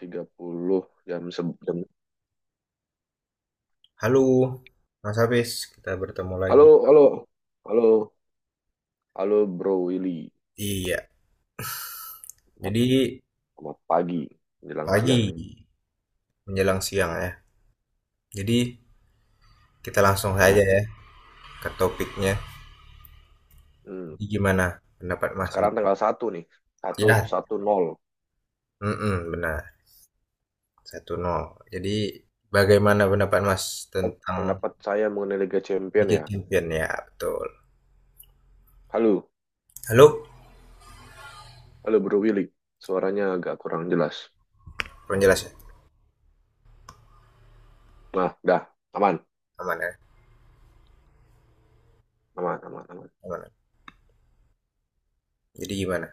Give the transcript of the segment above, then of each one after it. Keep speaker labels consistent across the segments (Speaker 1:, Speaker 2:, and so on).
Speaker 1: 30 jam jam.
Speaker 2: Halo, Mas Hafiz, kita bertemu
Speaker 1: Halo,
Speaker 2: lagi.
Speaker 1: halo, halo, halo Bro Willy.
Speaker 2: Iya,
Speaker 1: Selamat
Speaker 2: jadi
Speaker 1: selamat pagi menjelang siang
Speaker 2: pagi
Speaker 1: nih.
Speaker 2: menjelang siang ya. Jadi kita langsung saja
Speaker 1: Ya.
Speaker 2: ya ke topiknya.
Speaker 1: Hmm.
Speaker 2: Jadi gimana pendapat Mas
Speaker 1: Sekarang
Speaker 2: untuk
Speaker 1: tanggal satu nih. Satu
Speaker 2: ya?
Speaker 1: satu nol.
Speaker 2: Mm-mm, benar, satu nol. Jadi bagaimana pendapat Mas
Speaker 1: Oh,
Speaker 2: tentang
Speaker 1: pendapat saya mengenai Liga Champion
Speaker 2: Liga
Speaker 1: ya.
Speaker 2: Champion ya? Betul.
Speaker 1: Halo,
Speaker 2: Halo,
Speaker 1: halo Bro Willy. Suaranya agak kurang jelas.
Speaker 2: penjelas ya?
Speaker 1: Nah, dah, aman,
Speaker 2: Aman ya?
Speaker 1: aman, aman, aman.
Speaker 2: Aman, ya? Jadi gimana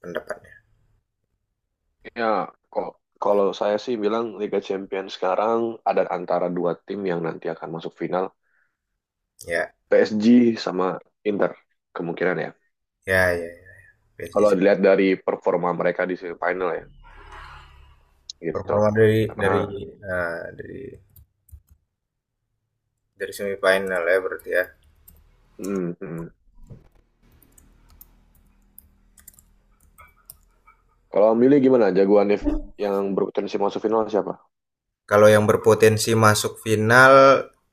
Speaker 2: pendapatnya?
Speaker 1: Ya, kok kalau saya sih bilang Liga Champion sekarang ada antara dua tim yang nanti akan masuk final,
Speaker 2: Ya,
Speaker 1: PSG sama Inter kemungkinan ya.
Speaker 2: ya, ya, ya. PSG
Speaker 1: Kalau dilihat dari performa mereka di semifinal ya gitu.
Speaker 2: performa dari
Speaker 1: Karena
Speaker 2: dari eh, dari dari semifinal ya berarti ya.
Speaker 1: mm, mm. kalau milih gimana jagoannya yang berpotensi masuk final siapa?
Speaker 2: Kalau yang berpotensi masuk final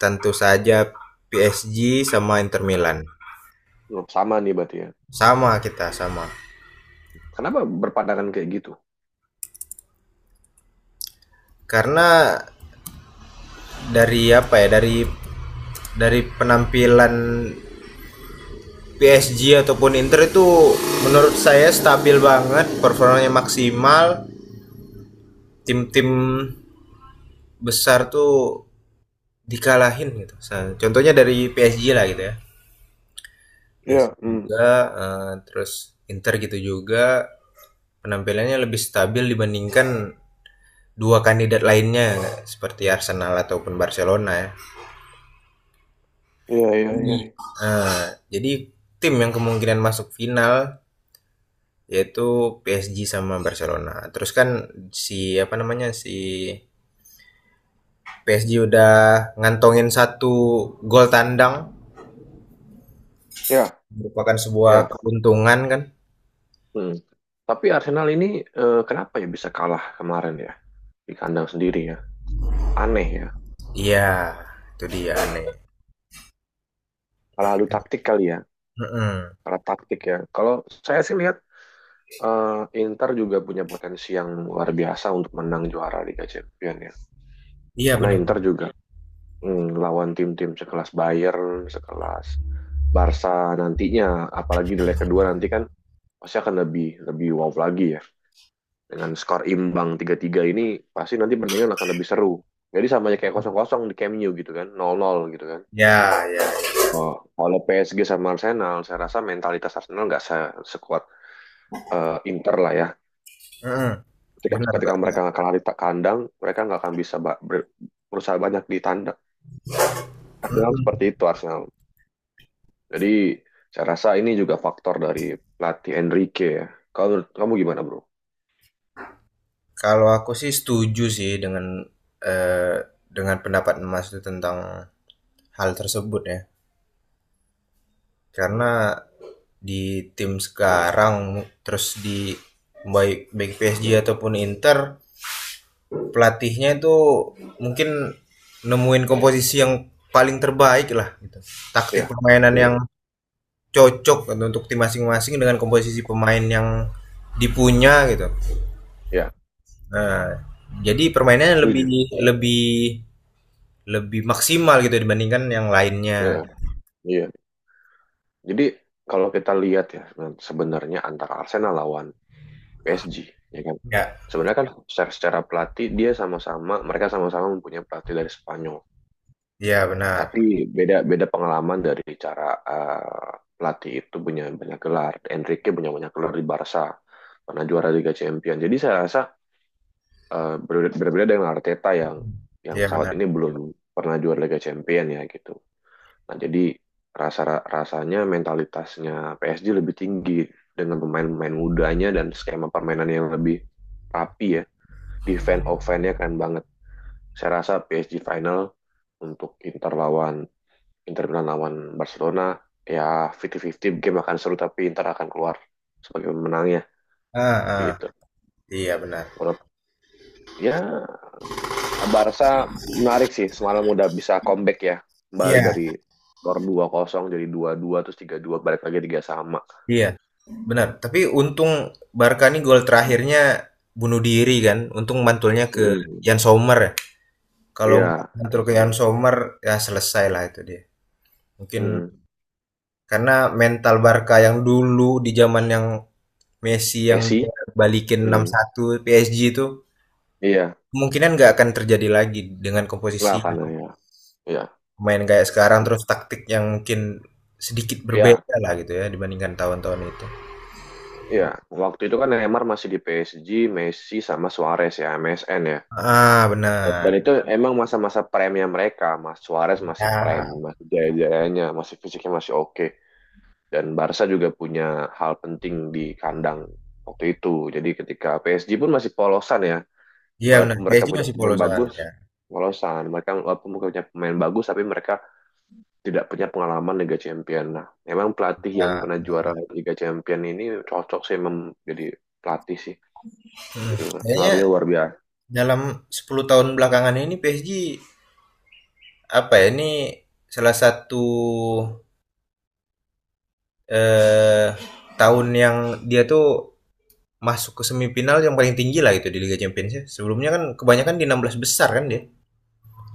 Speaker 2: tentu saja PSG sama Inter Milan.
Speaker 1: Oh, sama nih berarti ya.
Speaker 2: Sama kita sama.
Speaker 1: Kenapa berpandangan kayak gitu?
Speaker 2: Karena dari apa ya dari penampilan PSG ataupun Inter itu menurut saya stabil banget, performanya maksimal. Tim-tim besar tuh dikalahin gitu. Contohnya dari PSG lah gitu ya. Basic
Speaker 1: Iya, mm.
Speaker 2: juga, terus Inter gitu juga, penampilannya lebih stabil dibandingkan dua kandidat lainnya seperti Arsenal ataupun Barcelona ya.
Speaker 1: Iya, iya,
Speaker 2: Jadi,
Speaker 1: iya.
Speaker 2: eee, jadi, tim yang kemungkinan masuk final yaitu PSG sama Barcelona. Terus kan si apa namanya, si PSG udah ngantongin satu gol tandang,
Speaker 1: Iya,
Speaker 2: merupakan sebuah
Speaker 1: iya.
Speaker 2: keuntungan kan.
Speaker 1: Mm. Tapi Arsenal ini eh, kenapa ya bisa kalah kemarin ya di kandang sendiri ya? Aneh ya.
Speaker 2: Iya, itu dia nih.
Speaker 1: Kalah adu taktik kali ya.
Speaker 2: Mhm,
Speaker 1: Kalah taktik ya. Kalau saya sih lihat eh, Inter juga punya potensi yang luar biasa untuk menang juara Liga Champions ya.
Speaker 2: iya
Speaker 1: Karena
Speaker 2: benar.
Speaker 1: Inter juga lawan tim-tim sekelas Bayern, sekelas Barca nantinya, apalagi di leg kedua nanti kan pasti akan lebih lebih wow lagi ya. Dengan skor imbang tiga tiga ini pasti nanti pertandingan akan lebih seru. Jadi sama aja kayak kosong kosong di Camp Nou gitu kan, nol nol gitu kan.
Speaker 2: Ya, ya.
Speaker 1: Oh, kalau PSG sama Arsenal, saya rasa mentalitas Arsenal nggak sekuat eh, Inter lah ya.
Speaker 2: Mhm.
Speaker 1: Ketika,
Speaker 2: Benar,
Speaker 1: ketika
Speaker 2: Mbak,
Speaker 1: mereka
Speaker 2: ya.
Speaker 1: kalah di kandang, mereka nggak akan bisa berusaha banyak di tandang. Arsenal seperti
Speaker 2: Mhm.
Speaker 1: itu Arsenal. Jadi saya rasa ini juga faktor dari pelatih Enrique ya. Kalau menurut kamu gimana bro?
Speaker 2: Kalau aku sih setuju sih eee, dengan pendapat Mas itu tentang hal tersebut ya. Karena di tim sekarang, terus di baik baik PSG ataupun Inter, pelatihnya itu mungkin nemuin komposisi yang paling terbaik lah gitu. Taktik
Speaker 1: Ya,
Speaker 2: permainan
Speaker 1: ya,
Speaker 2: yang cocok gitu untuk tim masing-masing dengan komposisi pemain yang dipunya gitu.
Speaker 1: ya,
Speaker 2: Nah, jadi permainannya lebih
Speaker 1: setuju.
Speaker 2: lebih lebih maksimal gitu dibandingkan yang lainnya.
Speaker 1: Ya, iya. Jadi kalau kita lihat ya sebenarnya sebenarnya antara Arsenal lawan PSG, ya kan?
Speaker 2: Ya,
Speaker 1: Sebenarnya kan secara pelatih dia sama-sama, mereka sama-sama mempunyai pelatih dari Spanyol.
Speaker 2: iya benar.
Speaker 1: Tapi beda beda pengalaman dari cara eh, pelatih itu punya banyak gelar. Enrique punya banyak gelar di Barca, pernah juara Liga Champions. Jadi saya rasa eh, berbeda, berbeda dengan Arteta yang
Speaker 2: Iya
Speaker 1: saat
Speaker 2: benar.
Speaker 1: ini belum pernah juara Liga Champion ya gitu. Nah, jadi rasa rasanya mentalitasnya PSG lebih tinggi dengan pemain-pemain mudanya dan skema permainan yang lebih rapi ya. Defense offense-nya keren banget. Saya rasa PSG final untuk Inter Milan lawan Barcelona ya 50-50 game akan seru tapi Inter akan keluar sebagai pemenangnya
Speaker 2: Ah, ah,
Speaker 1: gitu.
Speaker 2: iya benar.
Speaker 1: Walaupun ya Barca menarik sih semalam udah bisa comeback ya kembali dari
Speaker 2: Iya,
Speaker 1: skor dua kosong jadi dua dua terus tiga dua balik lagi 3 sama.
Speaker 2: iya benar. Tapi untung Barca nih gol terakhirnya bunuh diri kan. Untung mantulnya ke
Speaker 1: Mm-mm.
Speaker 2: Jan Sommer ya. Kalau nggak
Speaker 1: Iya,
Speaker 2: mantul ke Jan Sommer ya selesai lah itu dia. Mungkin
Speaker 1: mm-mm.
Speaker 2: karena mental Barca yang dulu di zaman yang Messi yang dia
Speaker 1: Messi,
Speaker 2: balikin
Speaker 1: mm.
Speaker 2: 6-1 PSG itu
Speaker 1: Iya
Speaker 2: kemungkinan nggak akan terjadi lagi dengan
Speaker 1: nggak
Speaker 2: komposisi
Speaker 1: kan ya, iya,
Speaker 2: pemain kayak sekarang, terus taktik yang mungkin sedikit
Speaker 1: iya,
Speaker 2: berbeda lah gitu ya dibandingkan tahun-tahun itu.
Speaker 1: iya. Waktu itu kan Neymar masih di PSG, Messi sama Suarez ya MSN ya.
Speaker 2: Ah
Speaker 1: Dan
Speaker 2: benar.
Speaker 1: itu emang masa-masa prime mereka, Mas Suarez masih prime,
Speaker 2: Nah,
Speaker 1: masih jaya-jayanya, masih fisiknya masih oke. Dan Barca juga punya hal penting di kandang waktu itu. Jadi ketika PSG pun masih polosan ya.
Speaker 2: iya bener,
Speaker 1: Walaupun mereka
Speaker 2: PSG
Speaker 1: punya
Speaker 2: masih
Speaker 1: pemain
Speaker 2: polosan
Speaker 1: bagus,
Speaker 2: ya.
Speaker 1: polosan. Mereka walaupun punya pemain bagus, tapi mereka tidak punya pengalaman Liga Champions. Nah, memang pelatih yang
Speaker 2: Nah,
Speaker 1: pernah juara Liga Champions ini cocok sih jadi pelatih sih.
Speaker 2: mhm,
Speaker 1: Gitu.
Speaker 2: kayaknya
Speaker 1: Pengaruhnya luar biasa
Speaker 2: dalam 10 tahun belakangan ini PSG, apa ya, ini salah satu, eee, tahun yang dia tuh masuk ke semifinal yang paling tinggi lah gitu di Liga Champions ya. Sebelumnya kan kebanyakan di 16 besar kan dia?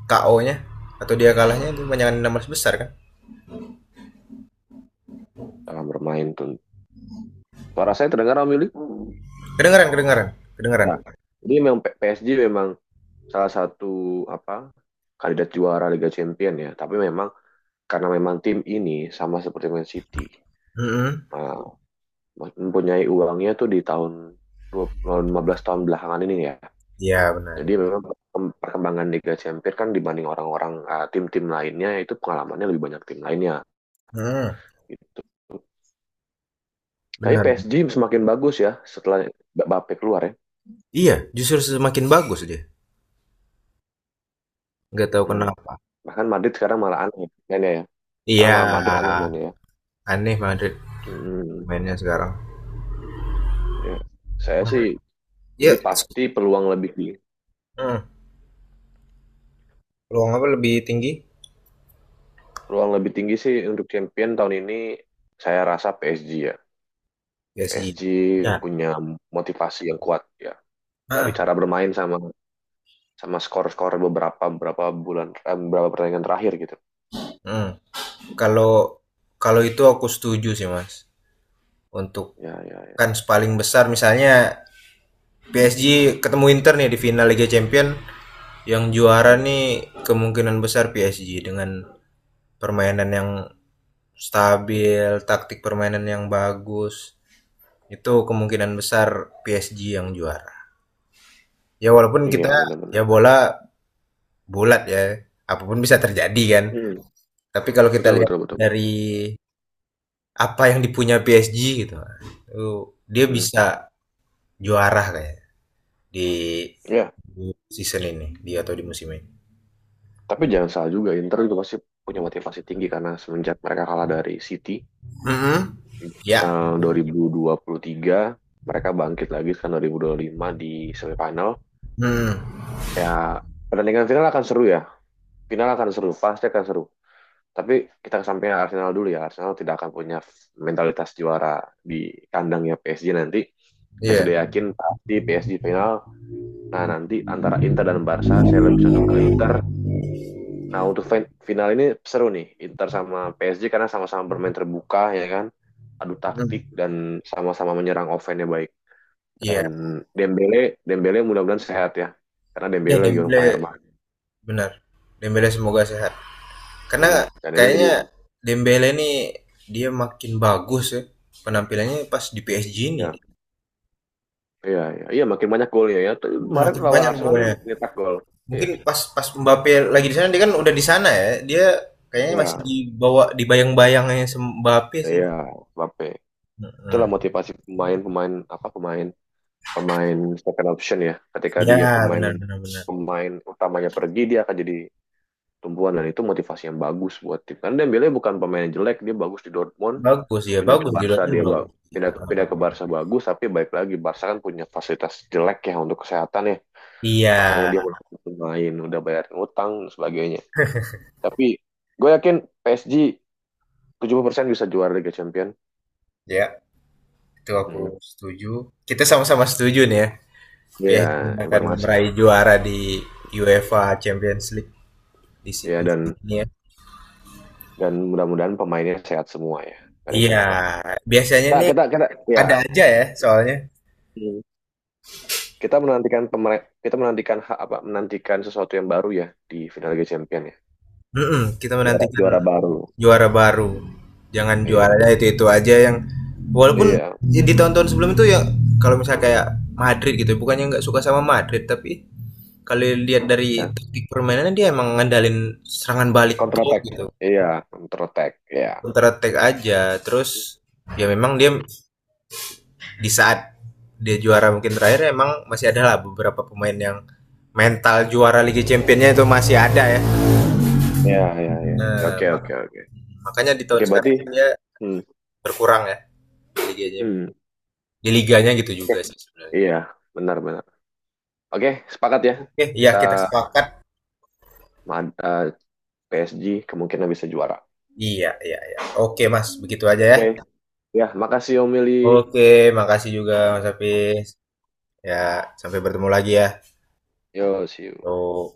Speaker 2: KO-nya atau dia kalahnya itu kebanyakan 16 besar kan?
Speaker 1: dalam bermain tuh. Suara saya terdengar, Om Yuli?
Speaker 2: Kedengaran, kedengaran, kedengaran.
Speaker 1: Ya. Jadi memang PSG memang salah satu apa kandidat juara Liga Champions ya. Tapi memang karena memang tim ini sama seperti Man City
Speaker 2: Mm-mm.
Speaker 1: uh, mempunyai uangnya tuh di tahun 20 15 tahun belakangan ini ya.
Speaker 2: Iya benar.
Speaker 1: Jadi memang perkembangan Liga Champions kan dibanding orang-orang tim-tim lainnya itu pengalamannya lebih banyak tim lainnya
Speaker 2: Mm,
Speaker 1: gitu. Tapi
Speaker 2: benar.
Speaker 1: PSG semakin bagus ya setelah Mbappe keluar ya.
Speaker 2: Iya, justru semakin bagus dia. Nggak tahu
Speaker 1: Hmm.
Speaker 2: kenapa.
Speaker 1: Bahkan Madrid sekarang malah aneh mainnya ya.
Speaker 2: Iya,
Speaker 1: Sekarang malah Madrid aneh mainnya ya.
Speaker 2: aneh Madrid
Speaker 1: Hmm.
Speaker 2: mainnya sekarang.
Speaker 1: Ya. Saya sih
Speaker 2: Ya,
Speaker 1: jadi pasti peluang lebih di
Speaker 2: mm, peluang apa lebih tinggi?
Speaker 1: ruang lebih tinggi sih untuk champion tahun ini saya rasa PSG ya.
Speaker 2: Ya sih.
Speaker 1: PSG
Speaker 2: Ya.
Speaker 1: punya motivasi yang kuat ya dari
Speaker 2: Heeh.
Speaker 1: cara bermain sama sama skor-skor beberapa beberapa bulan eh, beberapa pertandingan terakhir gitu.
Speaker 2: Mm.
Speaker 1: Gitu.
Speaker 2: Kalau kalau itu aku setuju sih mas. Untuk
Speaker 1: Ya ya ya.
Speaker 2: kan paling besar misalnya PSG ketemu Inter nih di final Liga Champion. Yang juara
Speaker 1: Hmm.
Speaker 2: nih kemungkinan besar PSG dengan permainan yang stabil, taktik permainan yang bagus. Itu kemungkinan besar PSG yang juara. Ya walaupun
Speaker 1: Iya
Speaker 2: kita ya
Speaker 1: benar-benar.
Speaker 2: bola bulat ya, apapun bisa terjadi kan.
Speaker 1: Hmm.
Speaker 2: Tapi kalau kita
Speaker 1: Betul
Speaker 2: lihat
Speaker 1: betul betul.
Speaker 2: dari apa yang dipunya PSG gitu, dia
Speaker 1: Hmm.
Speaker 2: bisa juara kayak di
Speaker 1: Ya,
Speaker 2: season ini, dia atau di musim ini.
Speaker 1: tapi jangan salah juga Inter juga pasti punya motivasi tinggi karena semenjak mereka kalah dari City
Speaker 2: Mm-mm. Ya.
Speaker 1: yang 2023 mereka bangkit lagi kan 2025 di semifinal.
Speaker 2: Hmm.
Speaker 1: Ya, pertandingan final akan seru ya. Final akan seru, pasti akan seru. Tapi kita kesampingkan Arsenal dulu ya. Arsenal tidak akan punya mentalitas juara di kandangnya PSG nanti. Saya sudah
Speaker 2: Iya.
Speaker 1: yakin pasti PSG final. Nah, nanti antara Inter dan Barca, saya lebih condong ke Inter. Nah, untuk final ini seru nih. Inter sama PSG karena sama-sama bermain terbuka, ya kan? Adu taktik
Speaker 2: Hmm.
Speaker 1: dan sama-sama menyerang offense-nya baik. Dan
Speaker 2: Iya.
Speaker 1: Dembele, Dembele mudah-mudahan sehat ya. Karena
Speaker 2: Ya
Speaker 1: Dembele lagi on
Speaker 2: Dembele
Speaker 1: fire banget.
Speaker 2: benar. Dembele semoga sehat.
Speaker 1: Hmm,
Speaker 2: Karena
Speaker 1: dan ini jadi,
Speaker 2: kayaknya Dembele nih dia makin bagus ya penampilannya pas di PSG ini.
Speaker 1: ya. Iya, iya, iya makin banyak golnya ya. Tuh,
Speaker 2: Hmm,
Speaker 1: kemarin
Speaker 2: makin
Speaker 1: lawan
Speaker 2: banyak
Speaker 1: Arsenal dia
Speaker 2: golnya.
Speaker 1: nyetak gol. Iya,
Speaker 2: Mungkin pas pas Mbappe lagi di sana dia kan udah di sana ya. Dia kayaknya masih
Speaker 1: iya,
Speaker 2: dibawa dibayang-bayangnya Mbappe sih.
Speaker 1: iya, Mbappe. Itulah
Speaker 2: Heeh.
Speaker 1: motivasi pemain-pemain apa pemain pemain second option ya. Ketika
Speaker 2: Ya
Speaker 1: dia pemain
Speaker 2: benar benar benar.
Speaker 1: pemain utamanya pergi dia akan jadi tumbuhan dan itu motivasi yang bagus buat tim. Karena Dembele bukan pemain yang jelek, dia bagus di Dortmund,
Speaker 2: Bagus ya
Speaker 1: pindah ke
Speaker 2: bagus di
Speaker 1: Barca
Speaker 2: Dortmund
Speaker 1: dia
Speaker 2: bagus. Ya.
Speaker 1: pindah ke Barca bagus, tapi baik lagi Barca kan punya fasilitas jelek ya untuk kesehatan ya.
Speaker 2: Iya,
Speaker 1: Makanya dia melakukan pemain, udah bayarin utang dan sebagainya. Tapi gue yakin PSG persen bisa juara Liga Champion.
Speaker 2: ya, itu aku
Speaker 1: Hmm.
Speaker 2: setuju. Kita sama-sama setuju nih ya. PSG
Speaker 1: Ya,
Speaker 2: akan
Speaker 1: informasi.
Speaker 2: meraih juara di UEFA Champions League di
Speaker 1: Ya
Speaker 2: musim
Speaker 1: dan
Speaker 2: ini ya.
Speaker 1: dan mudah-mudahan pemainnya sehat semua ya, gak ada yang
Speaker 2: Iya,
Speaker 1: cedera.
Speaker 2: biasanya
Speaker 1: Nah,
Speaker 2: nih
Speaker 1: kita kita ya.
Speaker 2: ada aja ya soalnya.
Speaker 1: Hmm. Kita menantikan apa menantikan sesuatu yang baru ya di final Liga Champion ya.
Speaker 2: Mm-mm, kita
Speaker 1: Juara
Speaker 2: menantikan
Speaker 1: juara baru.
Speaker 2: juara baru. Jangan
Speaker 1: Iya,
Speaker 2: juaranya itu-itu aja yang walaupun
Speaker 1: iya,
Speaker 2: ya di tahun-tahun sebelum itu ya kalau misalnya kayak Madrid gitu, bukannya nggak suka sama Madrid tapi kalau lihat dari
Speaker 1: ya.
Speaker 2: taktik permainannya dia emang ngandalin serangan balik
Speaker 1: Counter
Speaker 2: tuh
Speaker 1: attack.
Speaker 2: gitu.
Speaker 1: Iya, counter attack. Iya.
Speaker 2: Counter attack aja. Terus ya memang dia di saat dia juara mungkin terakhir emang masih ada lah beberapa pemain yang mental juara Liga Championnya itu masih ada ya.
Speaker 1: Iya, iya, iya. Ya, oke, oke,
Speaker 2: Nah,
Speaker 1: oke.
Speaker 2: makanya di tahun
Speaker 1: Oke, berarti
Speaker 2: sekarang dia
Speaker 1: hmm,
Speaker 2: berkurang ya di liganya,
Speaker 1: hmm.
Speaker 2: di liganya gitu
Speaker 1: Oke,
Speaker 2: juga sih
Speaker 1: iya,
Speaker 2: sebenarnya.
Speaker 1: benar, benar. Oke, sepakat ya.
Speaker 2: Oke, iya
Speaker 1: Kita
Speaker 2: kita sepakat.
Speaker 1: ma- eh, PSG kemungkinan bisa juara.
Speaker 2: Iya, iya, iya. Oke, Mas, begitu aja ya.
Speaker 1: Oke, ya, makasih Om Mili.
Speaker 2: Oke, makasih juga Mas Hafiz. Ya, sampai bertemu lagi ya.
Speaker 1: Yo, see you.
Speaker 2: Tuh.